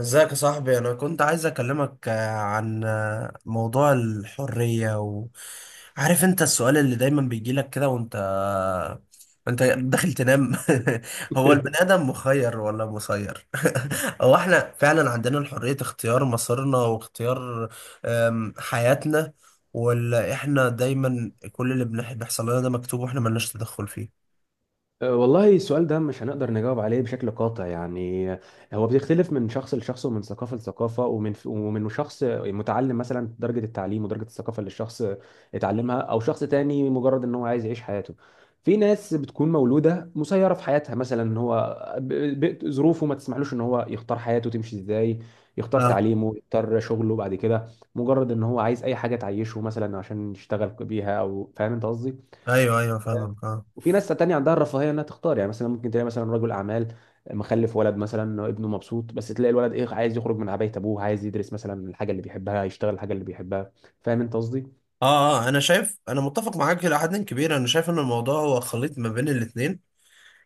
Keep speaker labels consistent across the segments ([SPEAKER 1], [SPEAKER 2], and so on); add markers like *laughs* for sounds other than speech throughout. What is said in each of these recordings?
[SPEAKER 1] ازيك يا صاحبي، انا كنت عايز اكلمك عن موضوع الحرية و. عارف انت السؤال اللي دايما بيجيلك كده وانت، انت داخل تنام. *laughs* هو البني
[SPEAKER 2] *laughs*
[SPEAKER 1] ادم مخير ولا مسير؟ *laughs* هو احنا فعلا عندنا الحرية اختيار مصيرنا واختيار حياتنا؟ ولا احنا دايما كل اللي بيحصل لنا ده مكتوب واحنا ملناش تدخل فيه؟
[SPEAKER 2] والله السؤال ده مش هنقدر نجاوب عليه بشكل قاطع يعني هو بيختلف من شخص لشخص ومن ثقافة لثقافة ومن شخص متعلم، مثلا درجة التعليم ودرجة الثقافة اللي الشخص اتعلمها، أو شخص تاني مجرد إن هو عايز يعيش حياته. في ناس بتكون مولودة مسيرة في حياتها، مثلا إن هو ظروفه ما تسمحلوش إن هو يختار حياته تمشي إزاي، يختار
[SPEAKER 1] اه.
[SPEAKER 2] تعليمه، يختار شغله بعد كده، مجرد إن هو عايز أي حاجة تعيشه مثلا عشان يشتغل بيها. أو فاهم أنت قصدي؟
[SPEAKER 1] ايوه ايوه، فاهمك، اه.
[SPEAKER 2] وفي ناس تانية عندها الرفاهية انها تختار. يعني مثلا ممكن تلاقي مثلا رجل اعمال مخلف ولد، مثلا ابنه مبسوط، بس تلاقي الولد ايه، عايز يخرج من عباية ابوه، عايز يدرس مثلا الحاجة اللي بيحبها، يشتغل الحاجة اللي بيحبها. فاهم انت قصدي؟
[SPEAKER 1] اه، اه، انا شايف، انا متفق معاك الى حد كبير. انا شايف ان الموضوع هو خليط ما بين الاتنين.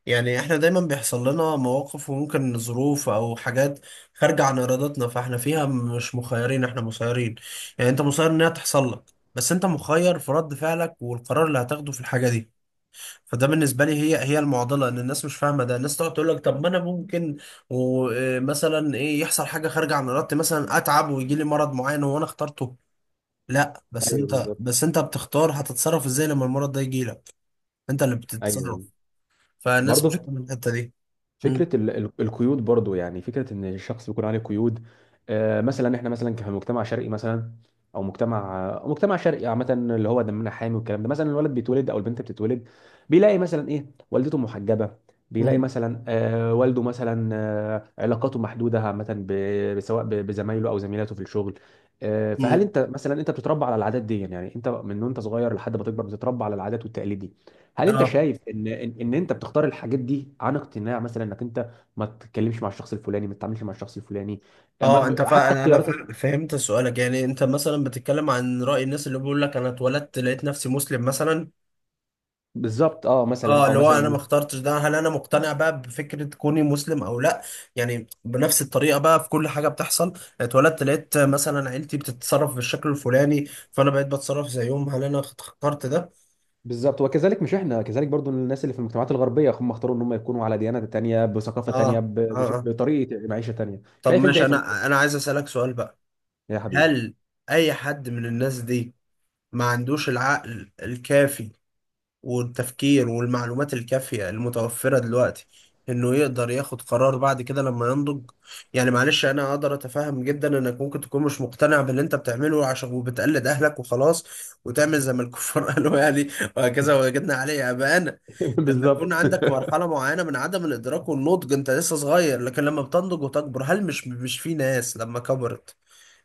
[SPEAKER 1] يعني احنا دايما بيحصل لنا مواقف وممكن ظروف او حاجات خارجة عن ارادتنا، فاحنا فيها مش مخيرين، احنا مسيرين. يعني انت مسير ان هي تحصل لك، بس انت مخير في رد فعلك والقرار اللي هتاخده في الحاجة دي. فده بالنسبة لي هي المعضلة، ان الناس مش فاهمة ده. الناس تقعد تقول لك طب ما انا ممكن ومثلا ايه يحصل حاجة خارجة عن ارادتي، مثلا اتعب ويجي لي مرض معين وانا اخترته. لا، بس
[SPEAKER 2] ايوه
[SPEAKER 1] انت
[SPEAKER 2] بالظبط.
[SPEAKER 1] بس انت بتختار هتتصرف ازاي لما المرض ده يجي لك. انت اللي
[SPEAKER 2] ايوه
[SPEAKER 1] بتتصرف.
[SPEAKER 2] ايوه.
[SPEAKER 1] فالناس مش
[SPEAKER 2] برضه
[SPEAKER 1] فاهمه الحته دي. مم.
[SPEAKER 2] فكرة القيود، برضو يعني فكرة ان الشخص بيكون عليه قيود. مثلا احنا مثلا كمجتمع شرقي، مثلا او مجتمع، أو مجتمع شرقي عامة، اللي هو دمنا حامي والكلام ده، مثلا الولد بيتولد او البنت بتتولد، بيلاقي مثلا ايه والدته محجبة، بيلاقي
[SPEAKER 1] مم.
[SPEAKER 2] مثلا والده مثلا علاقاته محدودة عامة، سواء بزمايله او زميلاته في الشغل. فهل
[SPEAKER 1] مم.
[SPEAKER 2] انت مثلا انت بتتربى على العادات دي؟ يعني انت من وانت صغير لحد ما تكبر بتتربى على العادات والتقاليد دي. هل انت
[SPEAKER 1] اه.
[SPEAKER 2] شايف ان إن انت بتختار الحاجات دي عن اقتناع؟ مثلا انك انت ما تتكلمش مع الشخص الفلاني، ما تتعاملش مع الشخص الفلاني.
[SPEAKER 1] اه.
[SPEAKER 2] حتى اختياراتك.
[SPEAKER 1] فهمت سؤالك. يعني انت مثلا بتتكلم عن رأي الناس اللي بيقول لك انا اتولدت لقيت نفسي مسلم مثلا.
[SPEAKER 2] بالظبط اه.
[SPEAKER 1] اه،
[SPEAKER 2] مثلا او
[SPEAKER 1] اللي هو انا
[SPEAKER 2] مثلا
[SPEAKER 1] ما
[SPEAKER 2] إيه؟
[SPEAKER 1] اخترتش ده، هل انا مقتنع بقى بفكرة كوني مسلم او لا. يعني بنفس الطريقة بقى في كل حاجة بتحصل، اتولدت لقيت مثلا عيلتي بتتصرف بالشكل الفلاني فانا بقيت بتصرف زيهم، هل انا اخترت ده؟
[SPEAKER 2] بالظبط. وكذلك مش احنا كذلك برضو، الناس اللي في المجتمعات الغربيه هم اختاروا ان هم يكونوا على ديانه تانيه،
[SPEAKER 1] اه.
[SPEAKER 2] بثقافه تانيه،
[SPEAKER 1] اه. آه.
[SPEAKER 2] بطريقه معيشه تانيه.
[SPEAKER 1] طب
[SPEAKER 2] شايف انت
[SPEAKER 1] ماشي،
[SPEAKER 2] ايه في النقطه
[SPEAKER 1] انا
[SPEAKER 2] دي؟
[SPEAKER 1] انا عايز اسالك سؤال بقى.
[SPEAKER 2] يا حبيبي.
[SPEAKER 1] هل اي حد من الناس دي ما عندوش العقل الكافي والتفكير والمعلومات الكافية المتوفرة دلوقتي انه يقدر ياخد قرار بعد كده لما ينضج؟ يعني معلش، انا اقدر اتفهم جدا انك ممكن تكون مش مقتنع باللي انت بتعمله، عشان وبتقلد اهلك وخلاص، وتعمل زي ما الكفار *laughs* قالوا يعني، وهكذا
[SPEAKER 2] *laughs*
[SPEAKER 1] وجدنا عليه اباءنا. لما يكون
[SPEAKER 2] بالظبط.
[SPEAKER 1] عندك مرحلة معينة من عدم الادراك والنضج انت لسه صغير، لكن لما بتنضج وتكبر هل مش في ناس لما كبرت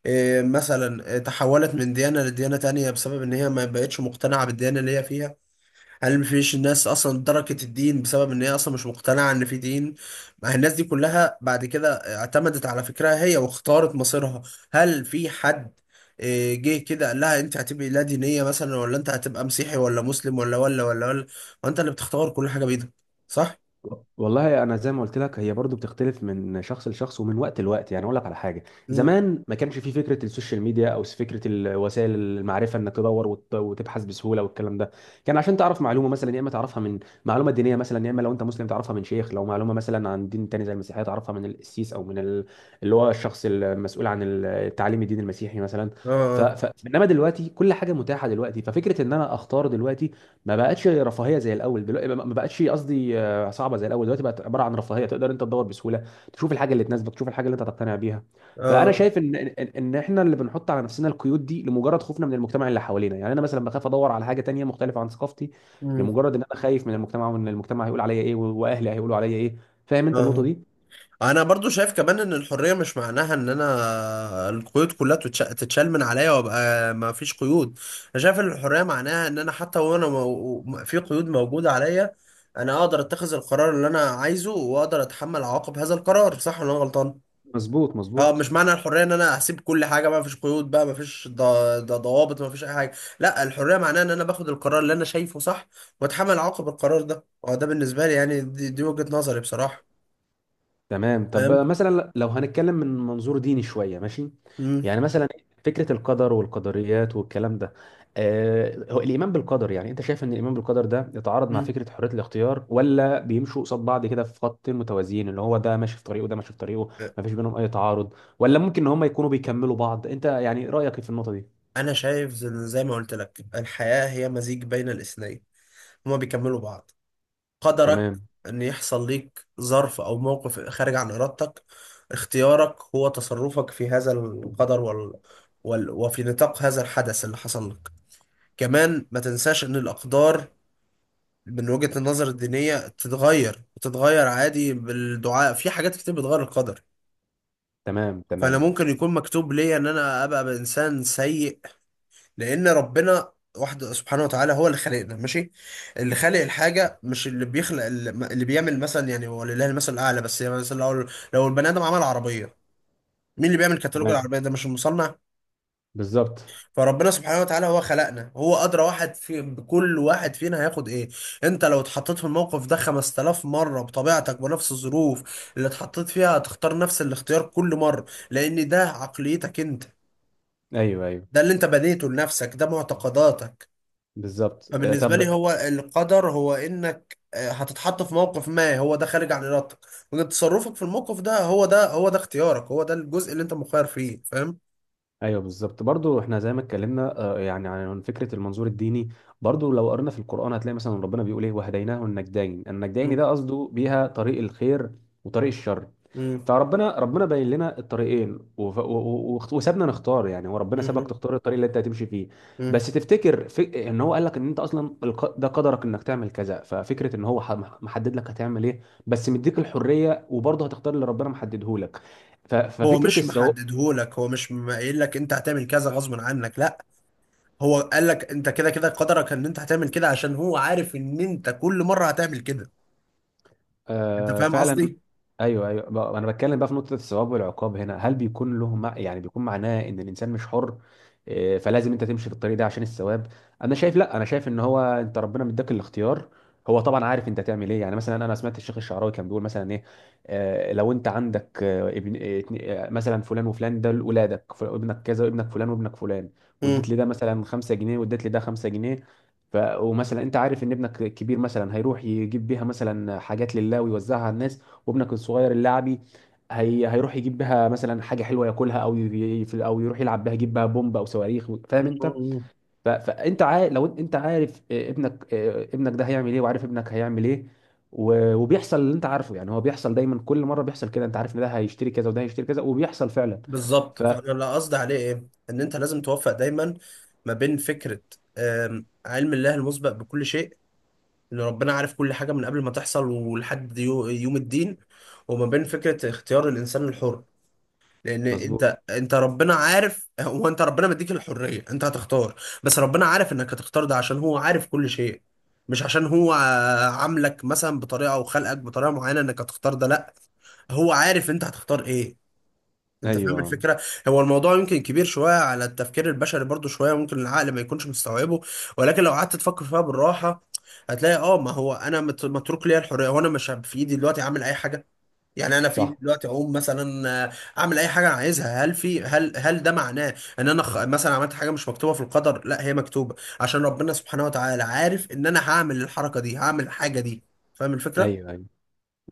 [SPEAKER 1] مثلا تحولت من ديانة لديانة تانية بسبب ان هي ما بقتش مقتنعة بالديانة اللي هي فيها؟ هل مفيش ناس اصلا تركت الدين بسبب ان هي اصلا مش مقتنعه ان في دين؟ ما هي الناس دي كلها بعد كده اعتمدت على فكرها هي واختارت مصيرها. هل في حد جه كده قال لها انت هتبقي لا دينيه مثلا، ولا انت هتبقى مسيحي ولا مسلم ولا ولا ولا ولا. وانت اللي بتختار كل حاجه بايدك، صح؟
[SPEAKER 2] والله انا زي ما قلت لك هي برضو بتختلف من شخص لشخص ومن وقت لوقت. يعني اقول لك على حاجه،
[SPEAKER 1] مم.
[SPEAKER 2] زمان ما كانش في فكره السوشيال ميديا او فكره وسائل المعرفه انك تدور وتبحث بسهوله والكلام ده. كان عشان تعرف معلومه مثلا يا اما تعرفها من معلومه دينيه مثلا، يا اما لو انت مسلم تعرفها من شيخ، لو معلومه مثلا عن دين تاني زي المسيحيه تعرفها من القسيس او من اللي هو الشخص المسؤول عن تعليم الدين المسيحي مثلا.
[SPEAKER 1] اه. اه.
[SPEAKER 2] انما دلوقتي كل حاجه متاحه، دلوقتي ففكره ان انا اختار دلوقتي ما بقتش رفاهيه زي الاول. دلوقتي ما بقتش قصدي صعبه زي الاول، دلوقتي بقت عباره عن رفاهيه، تقدر انت تدور بسهوله تشوف الحاجه اللي تناسبك، تشوف الحاجه اللي انت تقتنع بيها. فانا
[SPEAKER 1] اه.
[SPEAKER 2] شايف ان إن احنا اللي بنحط على نفسنا القيود دي لمجرد خوفنا من المجتمع اللي حوالينا. يعني انا مثلا بخاف ادور على حاجه تانية مختلفه عن ثقافتي،
[SPEAKER 1] مم.
[SPEAKER 2] لمجرد ان انا خايف من المجتمع، وان المجتمع هيقول عليا ايه واهلي هيقولوا عليا ايه. فاهم انت النقطه
[SPEAKER 1] اه،
[SPEAKER 2] دي؟
[SPEAKER 1] انا برضو شايف كمان ان الحريه مش معناها ان انا القيود كلها تتشال من عليا وابقى ما فيش قيود. انا شايف ان الحريه معناها ان انا حتى وانا في قيود موجوده عليا، انا اقدر اتخذ القرار اللي انا عايزه واقدر اتحمل عواقب هذا القرار، صح ولا انا غلطان؟
[SPEAKER 2] مظبوط
[SPEAKER 1] اه،
[SPEAKER 2] مظبوط.
[SPEAKER 1] مش معنى الحريه ان انا هسيب كل حاجه ما فيش قيود بقى، ما فيش ضوابط، ما فيش اي حاجه. لا، الحريه معناها ان انا باخد القرار اللي انا شايفه صح، واتحمل عواقب القرار ده. اه، ده بالنسبه لي يعني، دي وجهه نظري بصراحه.
[SPEAKER 2] تمام. طب
[SPEAKER 1] فاهم.
[SPEAKER 2] مثلا لو هنتكلم من منظور ديني شوية، ماشي؟
[SPEAKER 1] امم
[SPEAKER 2] يعني مثلا فكرة القدر والقدريات والكلام ده، آه هو الإيمان بالقدر، يعني أنت شايف إن الإيمان بالقدر ده يتعارض مع فكرة حرية الاختيار؟ ولا بيمشوا قصاد بعض كده في خط متوازيين، اللي هو ده ماشي في طريقه وده ماشي في طريقه، ما فيش بينهم أي تعارض؟ ولا ممكن إن هم يكونوا بيكملوا بعض؟ أنت يعني رأيك إيه في النقطة دي؟
[SPEAKER 1] انا شايف زي ما قلت لك، الحياة هي مزيج بين الاثنين، هما بيكملوا بعض. قدرك
[SPEAKER 2] تمام
[SPEAKER 1] ان يحصل ليك ظرف او موقف خارج عن ارادتك، اختيارك هو تصرفك في هذا القدر وفي نطاق هذا الحدث اللي حصل لك. كمان ما تنساش ان الاقدار من وجهة النظر الدينية تتغير، وتتغير عادي بالدعاء، في حاجات كتير بتغير القدر.
[SPEAKER 2] تمام.
[SPEAKER 1] فانا
[SPEAKER 2] تمام
[SPEAKER 1] ممكن يكون مكتوب ليا ان انا ابقى بانسان سيء، لان ربنا واحد سبحانه وتعالى هو اللي خلقنا، ماشي؟ اللي خالق الحاجه مش اللي بيخلق، اللي بيعمل مثلا، يعني هو لله المثل الاعلى، بس يعني مثلا لو البني ادم عمل عربيه، مين اللي بيعمل كتالوج
[SPEAKER 2] تمام.
[SPEAKER 1] العربيه ده؟ مش المصنع؟
[SPEAKER 2] بالظبط.
[SPEAKER 1] فربنا سبحانه وتعالى هو خلقنا، هو ادرى واحد في بكل واحد فينا هياخد ايه. انت لو اتحطيت في الموقف ده 5000 مره بطبيعتك، بنفس الظروف اللي اتحطيت فيها، هتختار نفس الاختيار كل مره، لان ده عقليتك انت،
[SPEAKER 2] أيوه أيوه.
[SPEAKER 1] ده اللي انت بنيته لنفسك، ده معتقداتك.
[SPEAKER 2] بالظبط
[SPEAKER 1] فبالنسبة لي
[SPEAKER 2] طب
[SPEAKER 1] هو القدر هو انك هتتحط في موقف ما هو ده خارج عن ارادتك، وان تصرفك في الموقف ده، هو ده اختيارك، هو ده الجزء اللي انت مخير فيه. فاهم.
[SPEAKER 2] ايوه بالظبط. برضو احنا زي ما اتكلمنا يعني عن فكره المنظور الديني، برضو لو قرنا في القران هتلاقي مثلا ربنا بيقول ايه: وهديناه النجدين. النجدين
[SPEAKER 1] مم.
[SPEAKER 2] ده قصده بيها طريق الخير وطريق الشر.
[SPEAKER 1] مم.
[SPEAKER 2] فربنا ربنا باين لنا الطريقين، وسابنا نختار. يعني هو ربنا سابك
[SPEAKER 1] مم.
[SPEAKER 2] تختار الطريق اللي انت هتمشي فيه،
[SPEAKER 1] مم.
[SPEAKER 2] بس تفتكر في ان هو قال لك ان انت اصلا ده قدرك انك تعمل كذا. ففكره ان هو محدد لك هتعمل ايه، بس مديك الحريه وبرضه هتختار اللي ربنا محدده لك.
[SPEAKER 1] هو
[SPEAKER 2] ففكره
[SPEAKER 1] مش
[SPEAKER 2] السواق.
[SPEAKER 1] محددهولك، هو مش قايل لك انت هتعمل كذا غصب عنك، لا. هو قال لك انت كده كده قدرك ان انت هتعمل كده، عشان هو عارف ان انت كل مرة هتعمل كده. انت فاهم
[SPEAKER 2] فعلا.
[SPEAKER 1] قصدي.
[SPEAKER 2] ايوه ايوه. انا بتكلم بقى في نقطه الثواب والعقاب هنا، هل بيكون له مع... يعني بيكون معناه ان الانسان مش حر؟ فلازم انت تمشي في الطريق ده عشان الثواب؟ انا شايف لا، انا شايف ان هو انت ربنا مديك الاختيار، هو طبعا عارف انت تعمل ايه. يعني مثلا انا سمعت الشيخ الشعراوي كان بيقول مثلا ايه: لو انت عندك ابن مثلا فلان وفلان ده ولادك، ابنك كذا وابنك فلان وابنك فلان.
[SPEAKER 1] مم.
[SPEAKER 2] واديت لي ده مثلا 5 جنيه، واديت لي ده 5 جنيه. ومثلا انت عارف ان ابنك الكبير مثلا هيروح يجيب بيها مثلا حاجات لله ويوزعها على الناس، وابنك الصغير اللاعبي هي هيروح يجيب بها مثلا حاجه حلوه ياكلها، او او يروح يلعب بها، يجيب بها بومب او صواريخ. فاهم انت؟
[SPEAKER 1] مم.
[SPEAKER 2] فانت عارف لو انت عارف ابنك، ابنك ده هيعمل ايه وعارف ابنك هيعمل ايه، وبيحصل اللي انت عارفه. يعني هو بيحصل دايما، كل مره بيحصل كده، انت عارف ان ده هيشتري كذا وده هيشتري كذا وبيحصل فعلا.
[SPEAKER 1] بالظبط.
[SPEAKER 2] ف
[SPEAKER 1] فانا اللي قصدي عليه ايه، ان انت لازم توفق دايما ما بين فكره علم الله المسبق بكل شيء، ان ربنا عارف كل حاجه من قبل ما تحصل ولحد يوم الدين، وما بين فكره اختيار الانسان الحر. لان
[SPEAKER 2] مظبوط.
[SPEAKER 1] انت ربنا عارف، هو انت ربنا مديك الحريه انت هتختار، بس ربنا عارف انك هتختار ده عشان هو عارف كل شيء، مش عشان هو عاملك مثلا بطريقه او خلقك بطريقه معينه انك هتختار ده، لا. هو عارف انت هتختار ايه. انت فاهم
[SPEAKER 2] ايوه
[SPEAKER 1] الفكره. هو الموضوع يمكن كبير شويه على التفكير البشري، برضو شويه ممكن العقل ما يكونش مستوعبه، ولكن لو قعدت تفكر فيها بالراحه هتلاقي اه، ما هو انا متروك ليا الحريه، وانا مش في ايدي دلوقتي اعمل اي حاجه. يعني انا في ايدي
[SPEAKER 2] صح.
[SPEAKER 1] دلوقتي اقوم مثلا، اعمل اي حاجه انا عايزها. هل في هل هل ده معناه ان انا مثلا عملت حاجه مش مكتوبه في القدر؟ لا، هي مكتوبه، عشان ربنا سبحانه وتعالى عارف ان انا هعمل الحركه دي، هعمل الحاجه دي. فاهم الفكره؟
[SPEAKER 2] ايوه ايوه.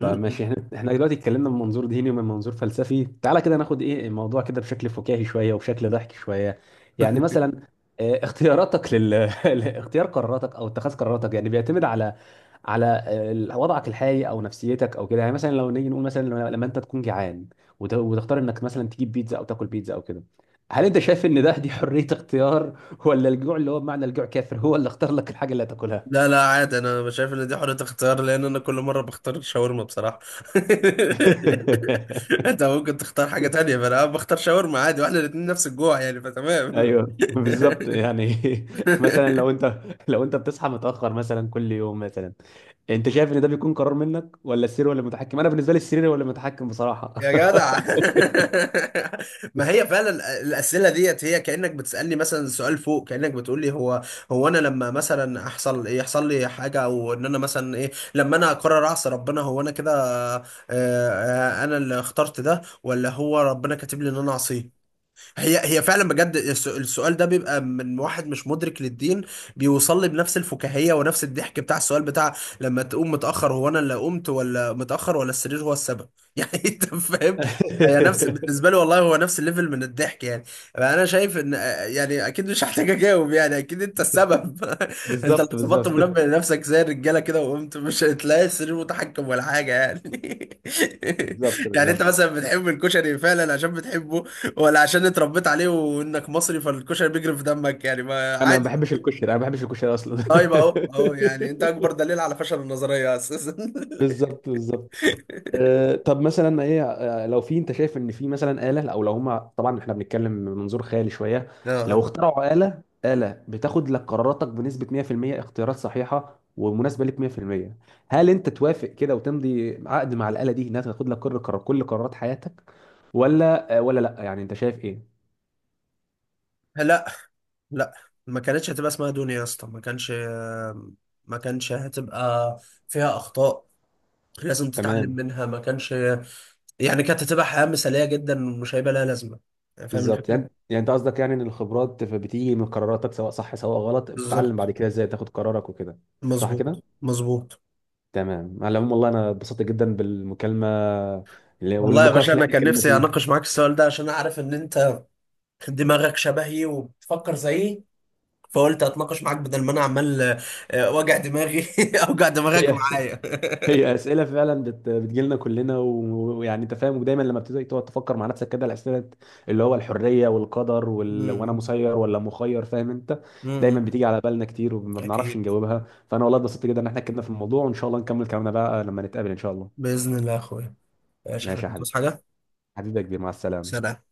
[SPEAKER 2] طب ماشي، احنا دلوقتي اتكلمنا من منظور ديني ومن منظور فلسفي، تعالى كده ناخد ايه الموضوع كده بشكل فكاهي شويه وبشكل ضحك شويه. يعني مثلا اختياراتك لل *laughs* اختيار قراراتك او اتخاذ قراراتك يعني بيعتمد على على وضعك الحالي او نفسيتك او كده. يعني مثلا لو نيجي نقول مثلا لما انت تكون جعان وتختار انك مثلا تجيب بيتزا او تاكل بيتزا او كده، هل انت شايف ان ده دي حريه اختيار ولا الجوع، اللي هو بمعنى الجوع كافر، هو اللي اختار لك الحاجه اللي هتاكلها؟
[SPEAKER 1] لا، لا، عادي. انا شايف ان دي حرية اختيار، لان انا كل مرة بختار الشاورما بصراحة. *laughs* انت ممكن تختار حاجة
[SPEAKER 2] *laughs*
[SPEAKER 1] تانية، فانا بختار شاورما عادي، واحنا الاتنين نفس الجوع يعني، فتمام. *laughs*
[SPEAKER 2] ايوه *laughs* بالظبط يعني. *laughs* مثلا لو انت بتصحى متاخر مثلا كل يوم مثلا، انت شايف ان ده بيكون قرار منك ولا السرير ولا المتحكم؟ انا بالنسبه لي السرير ولا المتحكم بصراحه.
[SPEAKER 1] يا جدع. *laughs* ما هي فعلا الأسئلة ديت هي كأنك بتسألني مثلا سؤال فوق، كأنك بتقول لي هو، هو انا لما مثلا احصل، يحصل لي حاجة، او ان انا مثلا ايه، لما انا اقرر اعصي ربنا هو انا كده آه، انا اللي اخترت ده ولا هو ربنا كاتب لي ان انا اعصيه. هي هي فعلا بجد، السؤال ده بيبقى من واحد مش مدرك للدين. بيوصل لي بنفس الفكاهية ونفس الضحك بتاع السؤال بتاع لما تقوم متأخر، هو انا اللي قمت ولا متأخر ولا السرير هو السبب؟ *laughs* يعني انت فاهم. هي نفس
[SPEAKER 2] *laughs*
[SPEAKER 1] بالنسبة لي والله، هو نفس الليفل من الضحك يعني. انا شايف ان يعني اكيد مش هحتاج اجاوب، يعني اكيد انت السبب. *laughs* انت اللي
[SPEAKER 2] بالظبط
[SPEAKER 1] ظبطت
[SPEAKER 2] بالظبط.
[SPEAKER 1] منبه لنفسك زي الرجالة كده وقمت، مش هتلاقي السرير متحكم ولا حاجة يعني. *laughs*
[SPEAKER 2] بالظبط
[SPEAKER 1] يعني انت
[SPEAKER 2] بالظبط.
[SPEAKER 1] مثلا بتحب الكشري فعلا عشان بتحبه، ولا عشان اتربيت عليه وانك مصري فالكشري بيجري في دمك يعني ما
[SPEAKER 2] انا ما
[SPEAKER 1] عادي؟
[SPEAKER 2] بحبش الكشري، انا ما بحبش الكشري اصلا.
[SPEAKER 1] طيب، اهو اهو يعني، انت
[SPEAKER 2] *laughs*
[SPEAKER 1] اكبر دليل على فشل النظريه اساسا.
[SPEAKER 2] بالظبط بالظبط. طب مثلا ايه لو في، انت شايف ان في مثلا آلة، او لو هما، طبعا احنا بنتكلم من منظور خيالي شوية،
[SPEAKER 1] *laughs*
[SPEAKER 2] لو
[SPEAKER 1] اه.
[SPEAKER 2] اخترعوا آلة، آلة بتاخد لك قراراتك بنسبة 100% اختيارات صحيحة ومناسبة لك 100%، هل انت توافق كده وتمضي عقد مع الآلة دي انها تاخد لك كل قرار، كل قرارات حياتك، ولا ولا لا، يعني انت شايف ايه؟
[SPEAKER 1] لا، لا، ما كانتش هتبقى اسمها دنيا يا اسطى. ما كانش، ما كانش هتبقى فيها اخطاء لازم تتعلم
[SPEAKER 2] تمام.
[SPEAKER 1] منها، ما كانش. يعني كانت هتبقى حياه مثاليه جدا، مش هيبقى لها لازمه. فاهم
[SPEAKER 2] بالظبط.
[SPEAKER 1] الفكره.
[SPEAKER 2] يعني انت قصدك يعني ان الخبرات بتيجي من قراراتك سواء صح سواء غلط، بتتعلم بعد
[SPEAKER 1] بالظبط.
[SPEAKER 2] كده ازاي تاخد قرارك وكده. صح كده.
[SPEAKER 1] مظبوط، مظبوط.
[SPEAKER 2] تمام. على العموم والله انا اتبسطت جدا بالمكالمه
[SPEAKER 1] والله يا
[SPEAKER 2] والنقاش
[SPEAKER 1] باشا،
[SPEAKER 2] اللي
[SPEAKER 1] انا
[SPEAKER 2] احنا
[SPEAKER 1] كان
[SPEAKER 2] اتكلمنا
[SPEAKER 1] نفسي
[SPEAKER 2] فيه.
[SPEAKER 1] اناقش معاك السؤال ده عشان اعرف ان انت دماغك شبهي وبتفكر زيي، فقلت اتناقش معاك بدل ما انا عمال وجع دماغي. *laughs* اوجع
[SPEAKER 2] *laughs*
[SPEAKER 1] دماغك
[SPEAKER 2] هي
[SPEAKER 1] معايا.
[SPEAKER 2] هي اسئله فعلا بتجيلنا كلنا، ويعني انت فاهم، ودايما لما بتبتدي تقعد تفكر مع نفسك كده الاسئله اللي هو الحريه والقدر
[SPEAKER 1] *laughs*
[SPEAKER 2] وانا
[SPEAKER 1] مم.
[SPEAKER 2] مسير ولا مخير، فاهم انت؟ دايما
[SPEAKER 1] مم.
[SPEAKER 2] بتيجي على بالنا كتير وما بنعرفش
[SPEAKER 1] اكيد،
[SPEAKER 2] نجاوبها. فانا والله اتبسطت جدا ان احنا اتكلمنا في الموضوع، وان شاء الله نكمل كلامنا بقى لما نتقابل ان شاء الله.
[SPEAKER 1] باذن الله يا اخويا. ماشي يا
[SPEAKER 2] ماشي يا
[SPEAKER 1] حبيبي،
[SPEAKER 2] حبيبي.
[SPEAKER 1] بتوصي حاجه؟
[SPEAKER 2] حبيبي يا كبير، مع السلامه.
[SPEAKER 1] سلام.